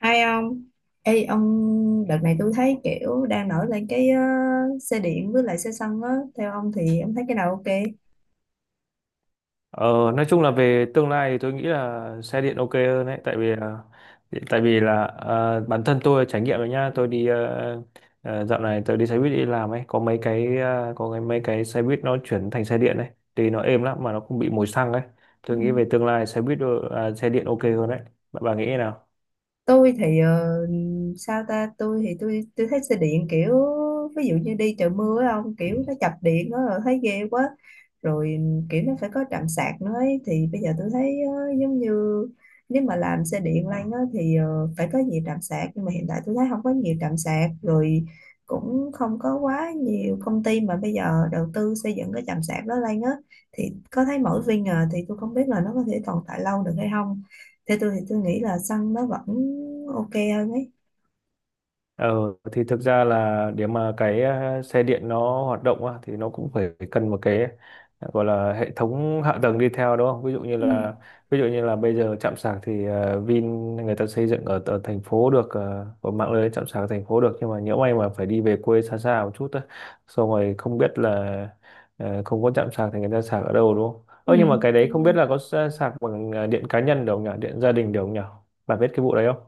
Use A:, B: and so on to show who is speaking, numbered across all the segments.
A: Hay ông? Ê ông, đợt này tôi thấy kiểu đang nổi lên cái xe điện với lại xe xăng á, theo ông thì ông thấy cái nào ok?
B: Ờ, nói chung là về tương lai thì tôi nghĩ là xe điện ok hơn đấy tại vì là bản thân tôi trải nghiệm rồi nhá tôi đi dạo này tôi đi xe buýt đi làm ấy có có mấy cái xe buýt nó chuyển thành xe điện đấy thì nó êm lắm mà nó không bị mùi xăng ấy.
A: Ừ.
B: Tôi nghĩ về tương lai xe buýt ờ, à, xe điện ok hơn đấy, bạn bà nghĩ thế nào?
A: Tôi thì sao ta, tôi thì tôi thấy xe điện kiểu ví dụ như đi trời mưa á ông, kiểu nó chập điện nó là thấy ghê quá, rồi kiểu nó phải có trạm sạc nữa ấy. Thì bây giờ tôi thấy giống như nếu mà làm xe điện lanh á thì phải có nhiều trạm sạc, nhưng mà hiện tại tôi thấy không có nhiều trạm sạc, rồi cũng không có quá nhiều công ty mà bây giờ đầu tư xây dựng cái trạm sạc đó lanh á, thì có thấy mỗi Vin à, thì tôi không biết là nó có thể tồn tại lâu được hay không. Theo tôi thì tôi nghĩ là xăng nó vẫn ok hơn ấy.
B: Ờ, thì thực ra là để mà xe điện nó hoạt động á, thì nó cũng phải cần một cái gọi là hệ thống hạ tầng đi theo, đúng không? Ví dụ như
A: Ừ.
B: là ví dụ như là bây giờ trạm sạc thì Vin người ta xây dựng ở thành phố được, ở mạng lưới trạm sạc thành phố được, nhưng mà nhỡ may mà phải đi về quê xa xa một chút á, xong rồi không biết là không có trạm sạc thì người ta sạc ở đâu đúng không?
A: Ừ.
B: Ơ nhưng mà cái đấy
A: Đúng
B: không
A: rồi.
B: biết là có sạc bằng điện cá nhân được không nhỉ? Điện gia đình được không nhỉ? Bà biết cái vụ đấy không?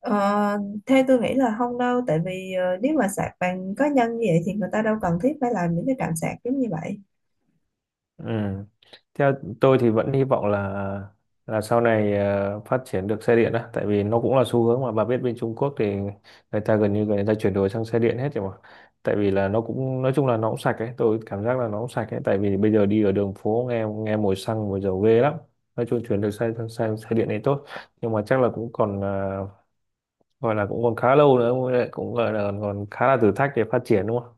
A: Ờ, theo tôi nghĩ là không đâu, tại vì nếu mà sạc bằng cá nhân như vậy thì người ta đâu cần thiết phải làm những cái trạm sạc giống như vậy.
B: Ừ. Theo tôi thì vẫn hy vọng là sau này phát triển được xe điện á, tại vì nó cũng là xu hướng mà bà biết, bên Trung Quốc thì người ta gần như người ta chuyển đổi sang xe điện hết rồi mà. Tại vì là nó cũng nói chung là nó cũng sạch ấy, tôi cảm giác là nó cũng sạch ấy, tại vì bây giờ đi ở đường phố nghe nghe mùi xăng mùi dầu ghê lắm. Nói chung chuyển được xe sang sang xe điện này tốt, nhưng mà chắc là cũng còn gọi là cũng còn khá lâu nữa, cũng cũng gọi là còn khá là thử thách để phát triển đúng không?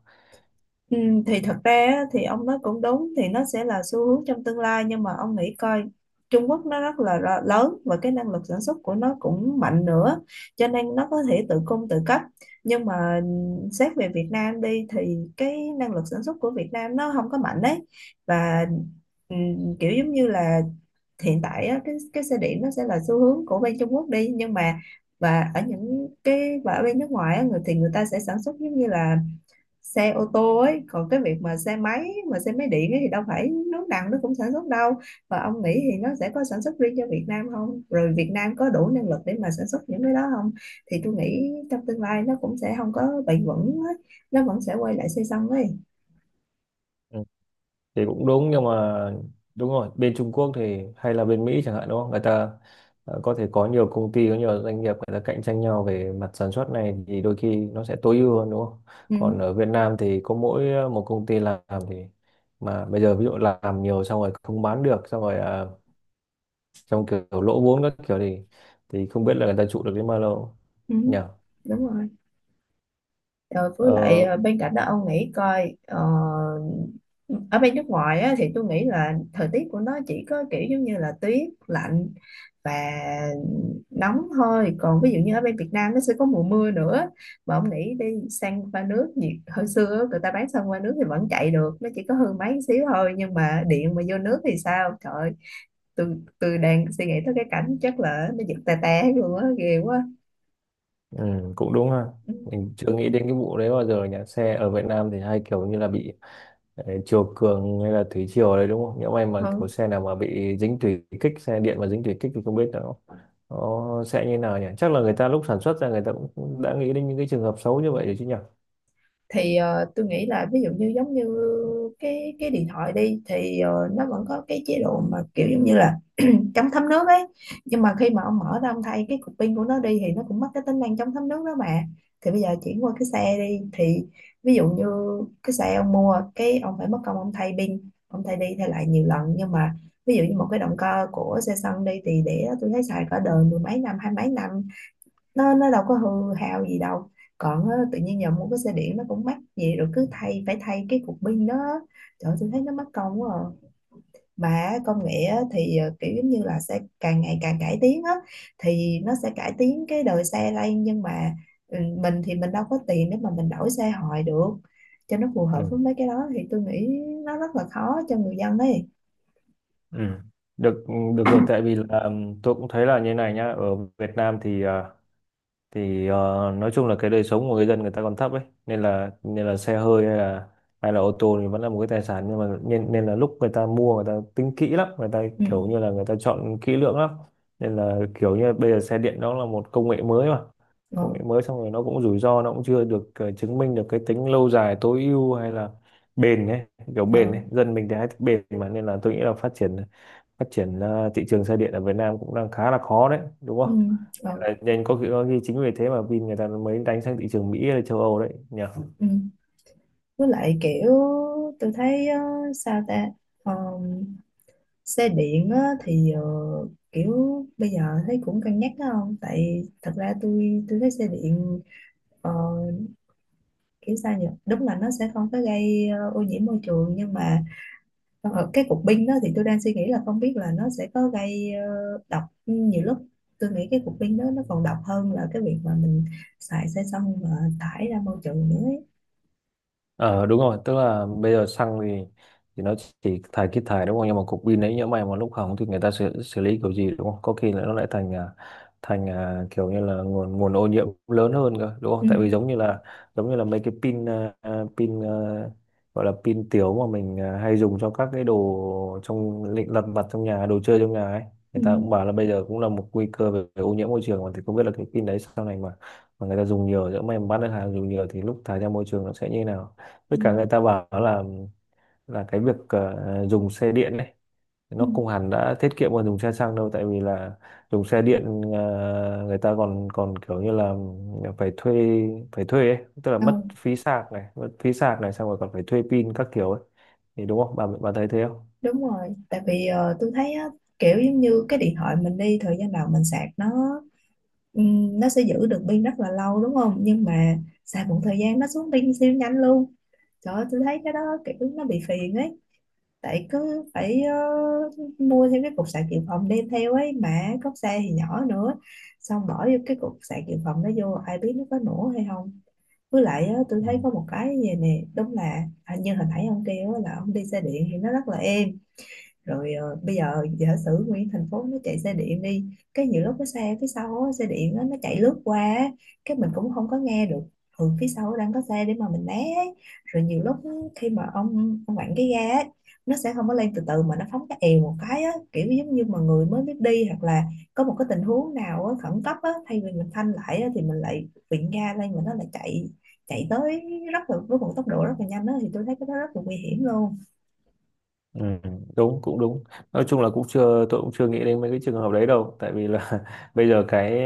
A: Ừ, thì thật ra á, thì ông nói cũng đúng, thì nó sẽ là xu hướng trong tương lai, nhưng mà ông nghĩ coi, Trung Quốc nó rất là lớn và cái năng lực sản xuất của nó cũng mạnh nữa, cho nên nó có thể tự cung tự cấp. Nhưng mà xét về Việt Nam đi thì cái năng lực sản xuất của Việt Nam nó không có mạnh đấy, và ừ, kiểu giống như là hiện tại á, cái xe điện nó sẽ là xu hướng của bên Trung Quốc đi, nhưng mà và ở bên nước ngoài á, người ta sẽ sản xuất giống như là xe ô tô ấy, còn cái việc mà xe máy điện ấy thì đâu phải nước nào nó cũng sản xuất đâu. Và ông nghĩ thì nó sẽ có sản xuất riêng cho Việt Nam không, rồi Việt Nam có đủ năng lực để mà sản xuất những cái đó không? Thì tôi nghĩ trong tương lai nó cũng sẽ không có bền vững ấy. Nó vẫn sẽ quay lại xây xăng ấy.
B: Ừ, thì cũng đúng nhưng mà đúng rồi, bên Trung Quốc thì hay là bên Mỹ chẳng hạn đúng không, người ta có thể có nhiều công ty, có nhiều doanh nghiệp người ta cạnh tranh nhau về mặt sản xuất này thì đôi khi nó sẽ tối ưu hơn đúng không, còn
A: Ừ,
B: ở Việt Nam thì có mỗi một công ty làm thì mà bây giờ ví dụ làm nhiều xong rồi không bán được xong rồi trong kiểu lỗ vốn các kiểu thì không biết là người ta trụ được đến bao lâu
A: ừ,
B: nhỉ.
A: đúng rồi. Rồi với lại
B: ờ,
A: bên cạnh đó ông nghĩ coi, ở bên nước ngoài á, thì tôi nghĩ là thời tiết của nó chỉ có kiểu giống như là tuyết lạnh và nóng thôi, còn ví dụ như ở bên Việt Nam nó sẽ có mùa mưa nữa. Mà ông nghĩ đi, sang qua nước nhiệt hồi xưa á, người ta bán sang qua nước thì vẫn chạy được, nó chỉ có hư máy một xíu thôi, nhưng mà điện mà vô nước thì sao? Trời ơi, tôi đang suy nghĩ tới cái cảnh chắc là nó giật tè té luôn á, ghê quá.
B: ừ, Cũng đúng ha,
A: Ừ.
B: mình chưa nghĩ đến cái vụ đấy bao giờ nhỉ, xe ở Việt Nam thì hay kiểu như là bị. Đấy, chiều cường hay là thủy triều đấy đúng không? Nhỡ may mà
A: Ừ.
B: kiểu xe nào mà bị dính thủy kích, xe điện mà dính thủy kích thì không biết nó sẽ như nào nhỉ? Chắc là người ta lúc sản xuất ra người ta cũng cũng đã nghĩ đến những cái trường hợp xấu như vậy rồi chứ nhỉ?
A: Thì tôi nghĩ là ví dụ như giống như cái điện thoại đi thì nó vẫn có cái chế độ mà kiểu giống như là chống thấm nước ấy. Nhưng mà khi mà ông mở ra ông thay cái cục pin của nó đi thì nó cũng mất cái tính năng chống thấm nước đó mà. Thì bây giờ chuyển qua cái xe đi thì ví dụ như cái xe ông mua cái ông phải mất công ông thay pin, ông thay đi thay lại nhiều lần. Nhưng mà ví dụ như một cái động cơ của xe xăng đi thì để đó tôi thấy xài cả đời, mười mấy năm, hai mấy năm nó đâu có hư hao gì đâu. Còn á, tự nhiên giờ mua cái xe điện nó cũng mắc gì rồi cứ thay, phải thay cái cục pin đó, trời ơi, tôi thấy nó mất công quá à. Mà công nghệ á, thì kiểu giống như là sẽ càng ngày càng cải tiến á, thì nó sẽ cải tiến cái đời xe lên. Nhưng mà mình thì mình đâu có tiền để mà mình đổi xe hoài được cho nó phù hợp
B: Ừ.
A: với mấy cái đó, thì tôi nghĩ nó rất là khó cho người dân ấy.
B: Ừ. Được được rồi, tại vì là tôi cũng thấy là như này nhá, ở Việt Nam thì thì nói chung là cái đời sống của người dân người ta còn thấp ấy, nên là xe hơi hay là ô tô thì vẫn là một cái tài sản, nhưng mà nên nên là lúc người ta mua người ta tính kỹ lắm, người ta
A: Ừ.
B: kiểu như là người ta chọn kỹ lưỡng lắm, nên là kiểu như bây giờ xe điện đó là một công nghệ mới mà. Công nghệ
A: Ừ.
B: mới xong rồi nó cũng rủi ro, nó cũng chưa được chứng minh được cái tính lâu dài tối ưu hay là bền ấy, kiểu bền
A: Ừ.
B: ấy, dân mình thì hay thích bền mà, nên là tôi nghĩ là phát triển thị trường xe điện ở Việt Nam cũng đang khá là khó đấy đúng
A: Ừ.
B: không,
A: Ừ.
B: nên có khi chính vì thế mà Vin người ta mới đánh sang thị trường Mỹ hay là châu Âu đấy nhỉ.
A: Ừ. Với lại kiểu tôi thấy sao ta, Ờ, xe điện á, thì kiểu bây giờ thấy cũng cân nhắc đó, không tại thật ra tôi thấy xe điện, ờ, kiểu sao nhỉ, đúng là nó sẽ không có gây ô nhiễm môi trường, nhưng mà cái cục pin đó thì tôi đang suy nghĩ là không biết là nó sẽ có gây độc, nhiều lúc tôi nghĩ cái cục pin đó nó còn độc hơn là cái việc mà mình xài xe xong mà thải ra môi trường nữa ấy.
B: Ờ đúng rồi, tức là bây giờ xăng thì nó chỉ thải kít thải đúng không? Nhưng mà cục pin đấy nhỡ may mà lúc hỏng thì người ta xử lý kiểu gì đúng không? Có khi là nó lại thành kiểu như là nguồn nguồn ô nhiễm lớn hơn cơ đúng không?
A: Ừ,
B: Tại vì giống như là mấy cái pin, gọi là pin tiểu mà mình hay dùng cho các cái đồ trong lịnh lặt vặt trong nhà, đồ chơi trong nhà ấy.
A: ừ,
B: Người ta cũng bảo là bây giờ cũng là một nguy cơ về ô nhiễm môi trường mà, thì không biết là cái pin đấy sau này mà người ta dùng nhiều, nhỡ may mà bán được hàng dùng nhiều thì lúc thải ra môi trường nó sẽ như thế nào?
A: ừ,
B: Với cả người ta bảo là cái việc dùng xe điện này
A: ừ.
B: nó không hẳn đã tiết kiệm hơn dùng xe xăng đâu, tại vì là dùng xe điện người ta còn còn kiểu như là phải thuê phải thuê ấy, tức là
A: Ờ,
B: mất phí sạc này, mất phí sạc này, xong rồi còn phải thuê pin các kiểu ấy, thì đúng không, bà thấy thế
A: đúng rồi, tại vì tôi thấy á, kiểu giống như cái điện thoại mình đi thời gian nào mình sạc nó, ừ, nó sẽ giữ được pin rất là lâu đúng không, nhưng mà xài một thời gian nó xuống pin siêu nhanh luôn. Trời ơi, tôi thấy cái đó kiểu nó bị phiền ấy. Tại cứ phải mua thêm cái cục sạc dự phòng đem theo ấy. Mà cốc xe thì nhỏ nữa. Xong bỏ vô cái cục sạc dự phòng đó vô, ai biết nó có nổ hay không. Với lại á, tôi thấy có
B: không?
A: một cái như vậy nè. Đúng là à, như hồi nãy ông kêu á, là ông đi xe điện thì nó rất là êm. Rồi bây giờ giả sử nguyên thành phố nó chạy xe điện đi, cái nhiều lúc cái xe phía sau á, xe điện á, nó chạy lướt qua á, cái mình cũng không có nghe được phía sau đang có xe để mà mình né ấy. Rồi nhiều lúc khi mà ông vặn cái ga ấy, nó sẽ không có lên từ từ mà nó phóng cái èo một cái á, kiểu giống như mà người mới biết đi, hoặc là có một cái tình huống nào á khẩn cấp á, thay vì mình phanh lại á, thì mình lại vịn ga lên mà nó lại chạy chạy tới, rất là với một tốc độ rất là nhanh á, thì tôi thấy cái đó rất là nguy hiểm luôn.
B: Ừ, đúng cũng đúng, nói chung là cũng chưa tôi cũng chưa nghĩ đến mấy cái trường hợp đấy đâu, tại vì là bây giờ cái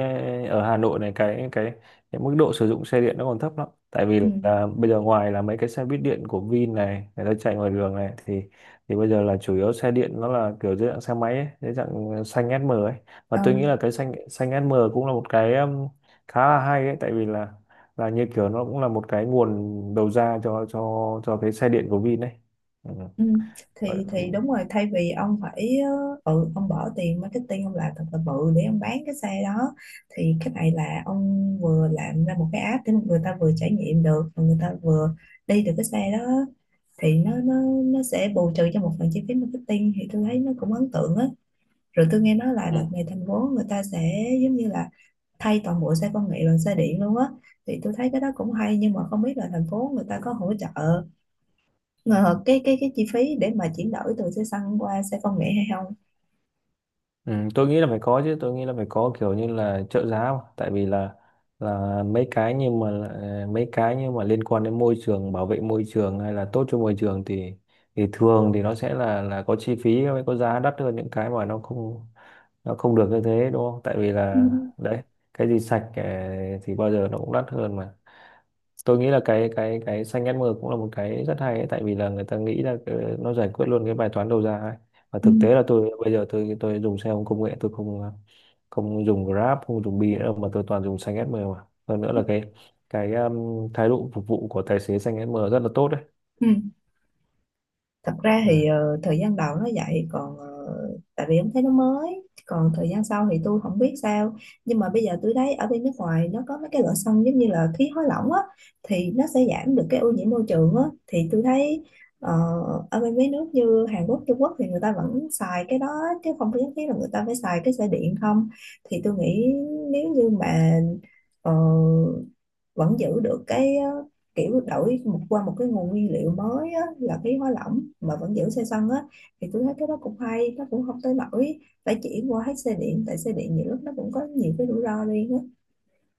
B: ở Hà Nội này cái cái mức độ sử dụng xe điện nó còn thấp lắm, tại vì
A: Ừ.
B: là bây giờ ngoài là mấy cái xe buýt điện của Vin này người ta chạy ngoài đường này thì bây giờ là chủ yếu xe điện nó là kiểu dưới dạng xe máy ấy, dưới dạng xanh SM ấy, và
A: Ờ,
B: tôi nghĩ là cái xanh xanh SM cũng là một cái khá là hay ấy, tại vì là như kiểu nó cũng là một cái nguồn đầu ra cho cái xe điện của Vin đấy.
A: Ừ. Thì
B: Ừ.
A: đúng rồi, thay vì ông phải ông bỏ tiền marketing, ông làm thật là bự để ông bán cái xe đó, thì cái này là ông vừa làm ra một cái app để người ta vừa trải nghiệm được và người ta vừa đi được cái xe đó, thì nó sẽ bù trừ cho một phần chi phí marketing, thì tôi thấy nó cũng ấn tượng á. Rồi tôi nghe nói là đợt
B: Ừ.
A: này thành phố người ta sẽ giống như là thay toàn bộ xe công nghệ bằng xe điện luôn á, thì tôi thấy cái đó cũng hay, nhưng mà không biết là thành phố người ta có hỗ trợ Ờ, cái chi phí để mà chuyển đổi từ xe xăng qua xe công nghệ hay không.
B: Ừ, tôi nghĩ là phải có chứ, tôi nghĩ là phải có kiểu như là trợ giá mà. Tại vì là mấy cái nhưng mà mấy cái nhưng mà liên quan đến môi trường, bảo vệ môi trường hay là tốt cho môi trường thì thường thì nó sẽ là có chi phí mới, có giá đắt hơn những cái mà nó không được như thế đúng không, tại vì
A: Ừ.
B: là đấy, cái gì sạch thì bao giờ nó cũng đắt hơn mà. Tôi nghĩ là cái xanh ghét mưa cũng là một cái rất hay ấy, tại vì là người ta nghĩ là nó giải quyết luôn cái bài toán đầu ra ấy. Và
A: Ừ.
B: thực tế là tôi bây giờ tôi dùng xe ôm công nghệ, tôi không dùng Grab, không dùng Bi nữa mà tôi toàn dùng xanh SM mà, hơn nữa là cái thái độ phục vụ của tài xế xanh SM rất là tốt đấy.
A: Ừ. Thật ra thì
B: Ừ.
A: thời gian đầu nó vậy, còn tại vì em thấy nó mới, còn thời gian sau thì tôi không biết sao. Nhưng mà bây giờ tôi thấy ở bên nước ngoài nó có mấy cái loại sân giống như là khí hóa lỏng á, thì nó sẽ giảm được cái ô nhiễm môi trường á. Thì tôi thấy ờ, ở bên mấy nước như Hàn Quốc, Trung Quốc thì người ta vẫn xài cái đó chứ không có nhất thiết là người ta phải xài cái xe điện không. Thì tôi nghĩ nếu như mà ờ, vẫn giữ được cái kiểu đổi một qua một cái nguồn nguyên liệu mới á, là khí hóa lỏng mà vẫn giữ xe sân á, thì tôi thấy cái đó cũng hay, nó cũng không tới nỗi phải chuyển qua hết xe điện, tại xe điện nhiều lúc nó cũng có nhiều cái rủi ro riêng á.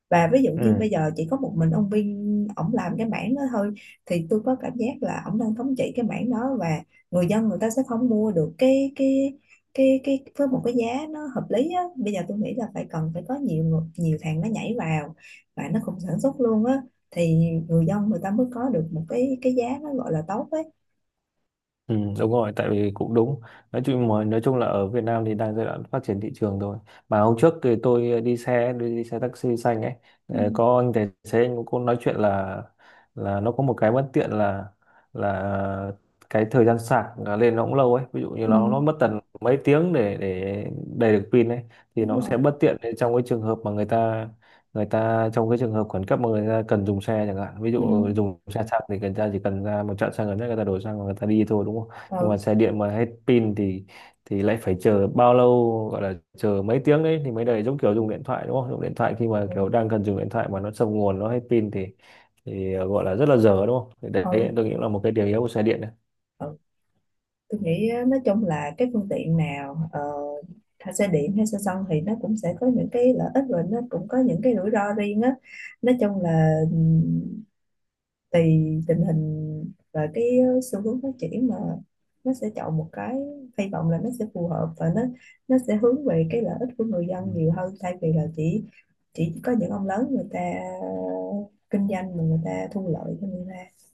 A: Và ví dụ như
B: Ừ.
A: bây giờ chỉ có một mình ông Vin ổng làm cái mảng đó thôi, thì tôi có cảm giác là ổng đang thống trị cái mảng đó, và người dân người ta sẽ không mua được cái với một cái giá nó hợp lý á. Bây giờ tôi nghĩ là phải cần phải có nhiều thằng nó nhảy vào và nó cùng sản xuất luôn á, thì người dân người ta mới có được một cái giá nó gọi là tốt ấy.
B: Ừ, đúng rồi, tại vì cũng đúng. Nói chung mà nói chung là ở Việt Nam thì đang giai đoạn phát triển thị trường rồi. Mà hôm trước thì tôi đi xe taxi xanh ấy,
A: Ừ,
B: có anh tài xế anh cũng nói chuyện là nó có một cái bất tiện là cái thời gian sạc là lên nó cũng lâu ấy. Ví dụ như
A: ừ,
B: nó mất tận mấy tiếng để đầy được pin ấy, thì
A: đúng
B: nó
A: rồi.
B: sẽ bất tiện trong cái trường hợp mà người ta trong cái trường hợp khẩn cấp mà người ta cần dùng xe chẳng hạn, ví
A: Ừ,
B: dụ dùng xe xăng thì người ta chỉ cần ra một trạm xăng gần nhất, người ta đổ xăng và người ta đi thôi đúng không, nhưng mà
A: ừ,
B: xe điện mà hết pin thì lại phải chờ bao lâu, gọi là chờ mấy tiếng đấy thì mới đầy, giống kiểu dùng điện thoại đúng không, dùng điện thoại khi mà
A: ừ,
B: kiểu đang cần dùng điện thoại mà nó sập nguồn nó hết pin thì gọi là rất là dở đúng không, thì
A: ừ.
B: đấy tôi nghĩ là một cái điểm yếu của xe điện đấy.
A: Ừ. Tôi nghĩ á, nói chung là cái phương tiện nào hay xe điện hay xe xăng thì nó cũng sẽ có những cái lợi ích và nó cũng có những cái rủi ro riêng á. Nói chung là tùy tình hình và cái xu hướng phát triển mà nó sẽ chọn một cái. Hy vọng là nó sẽ phù hợp và nó sẽ hướng về cái lợi ích của người
B: Ừ.
A: dân nhiều hơn, thay vì là chỉ có những ông lớn người ta kinh doanh mà người ta thu lợi cho người ta.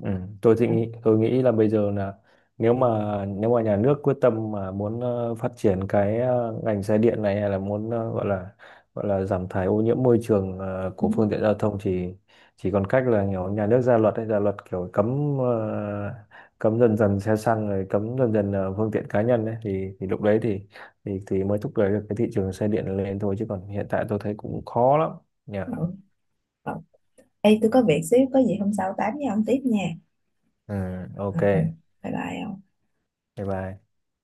B: Ừ, tôi nghĩ là bây giờ là nếu mà nếu mà nhà nước quyết tâm mà muốn phát triển cái ngành xe điện này, hay là muốn gọi là giảm thải ô nhiễm môi trường
A: Ừ.
B: của phương tiện giao thông thì chỉ còn cách là kiểu nhà nước ra luật hay ra luật kiểu cấm cấm dần dần xe xăng, rồi cấm dần dần phương tiện cá nhân ấy, thì lúc đấy thì thì mới thúc đẩy được cái thị trường xe điện lên thôi, chứ còn hiện tại tôi thấy cũng khó lắm nhỉ.
A: Ừ. Ê, tôi có việc xíu, có gì hôm sau tám với ông tiếp nha.
B: Ừ, ok.
A: Ừ, ừ. Bye bye ông.
B: Bye bye.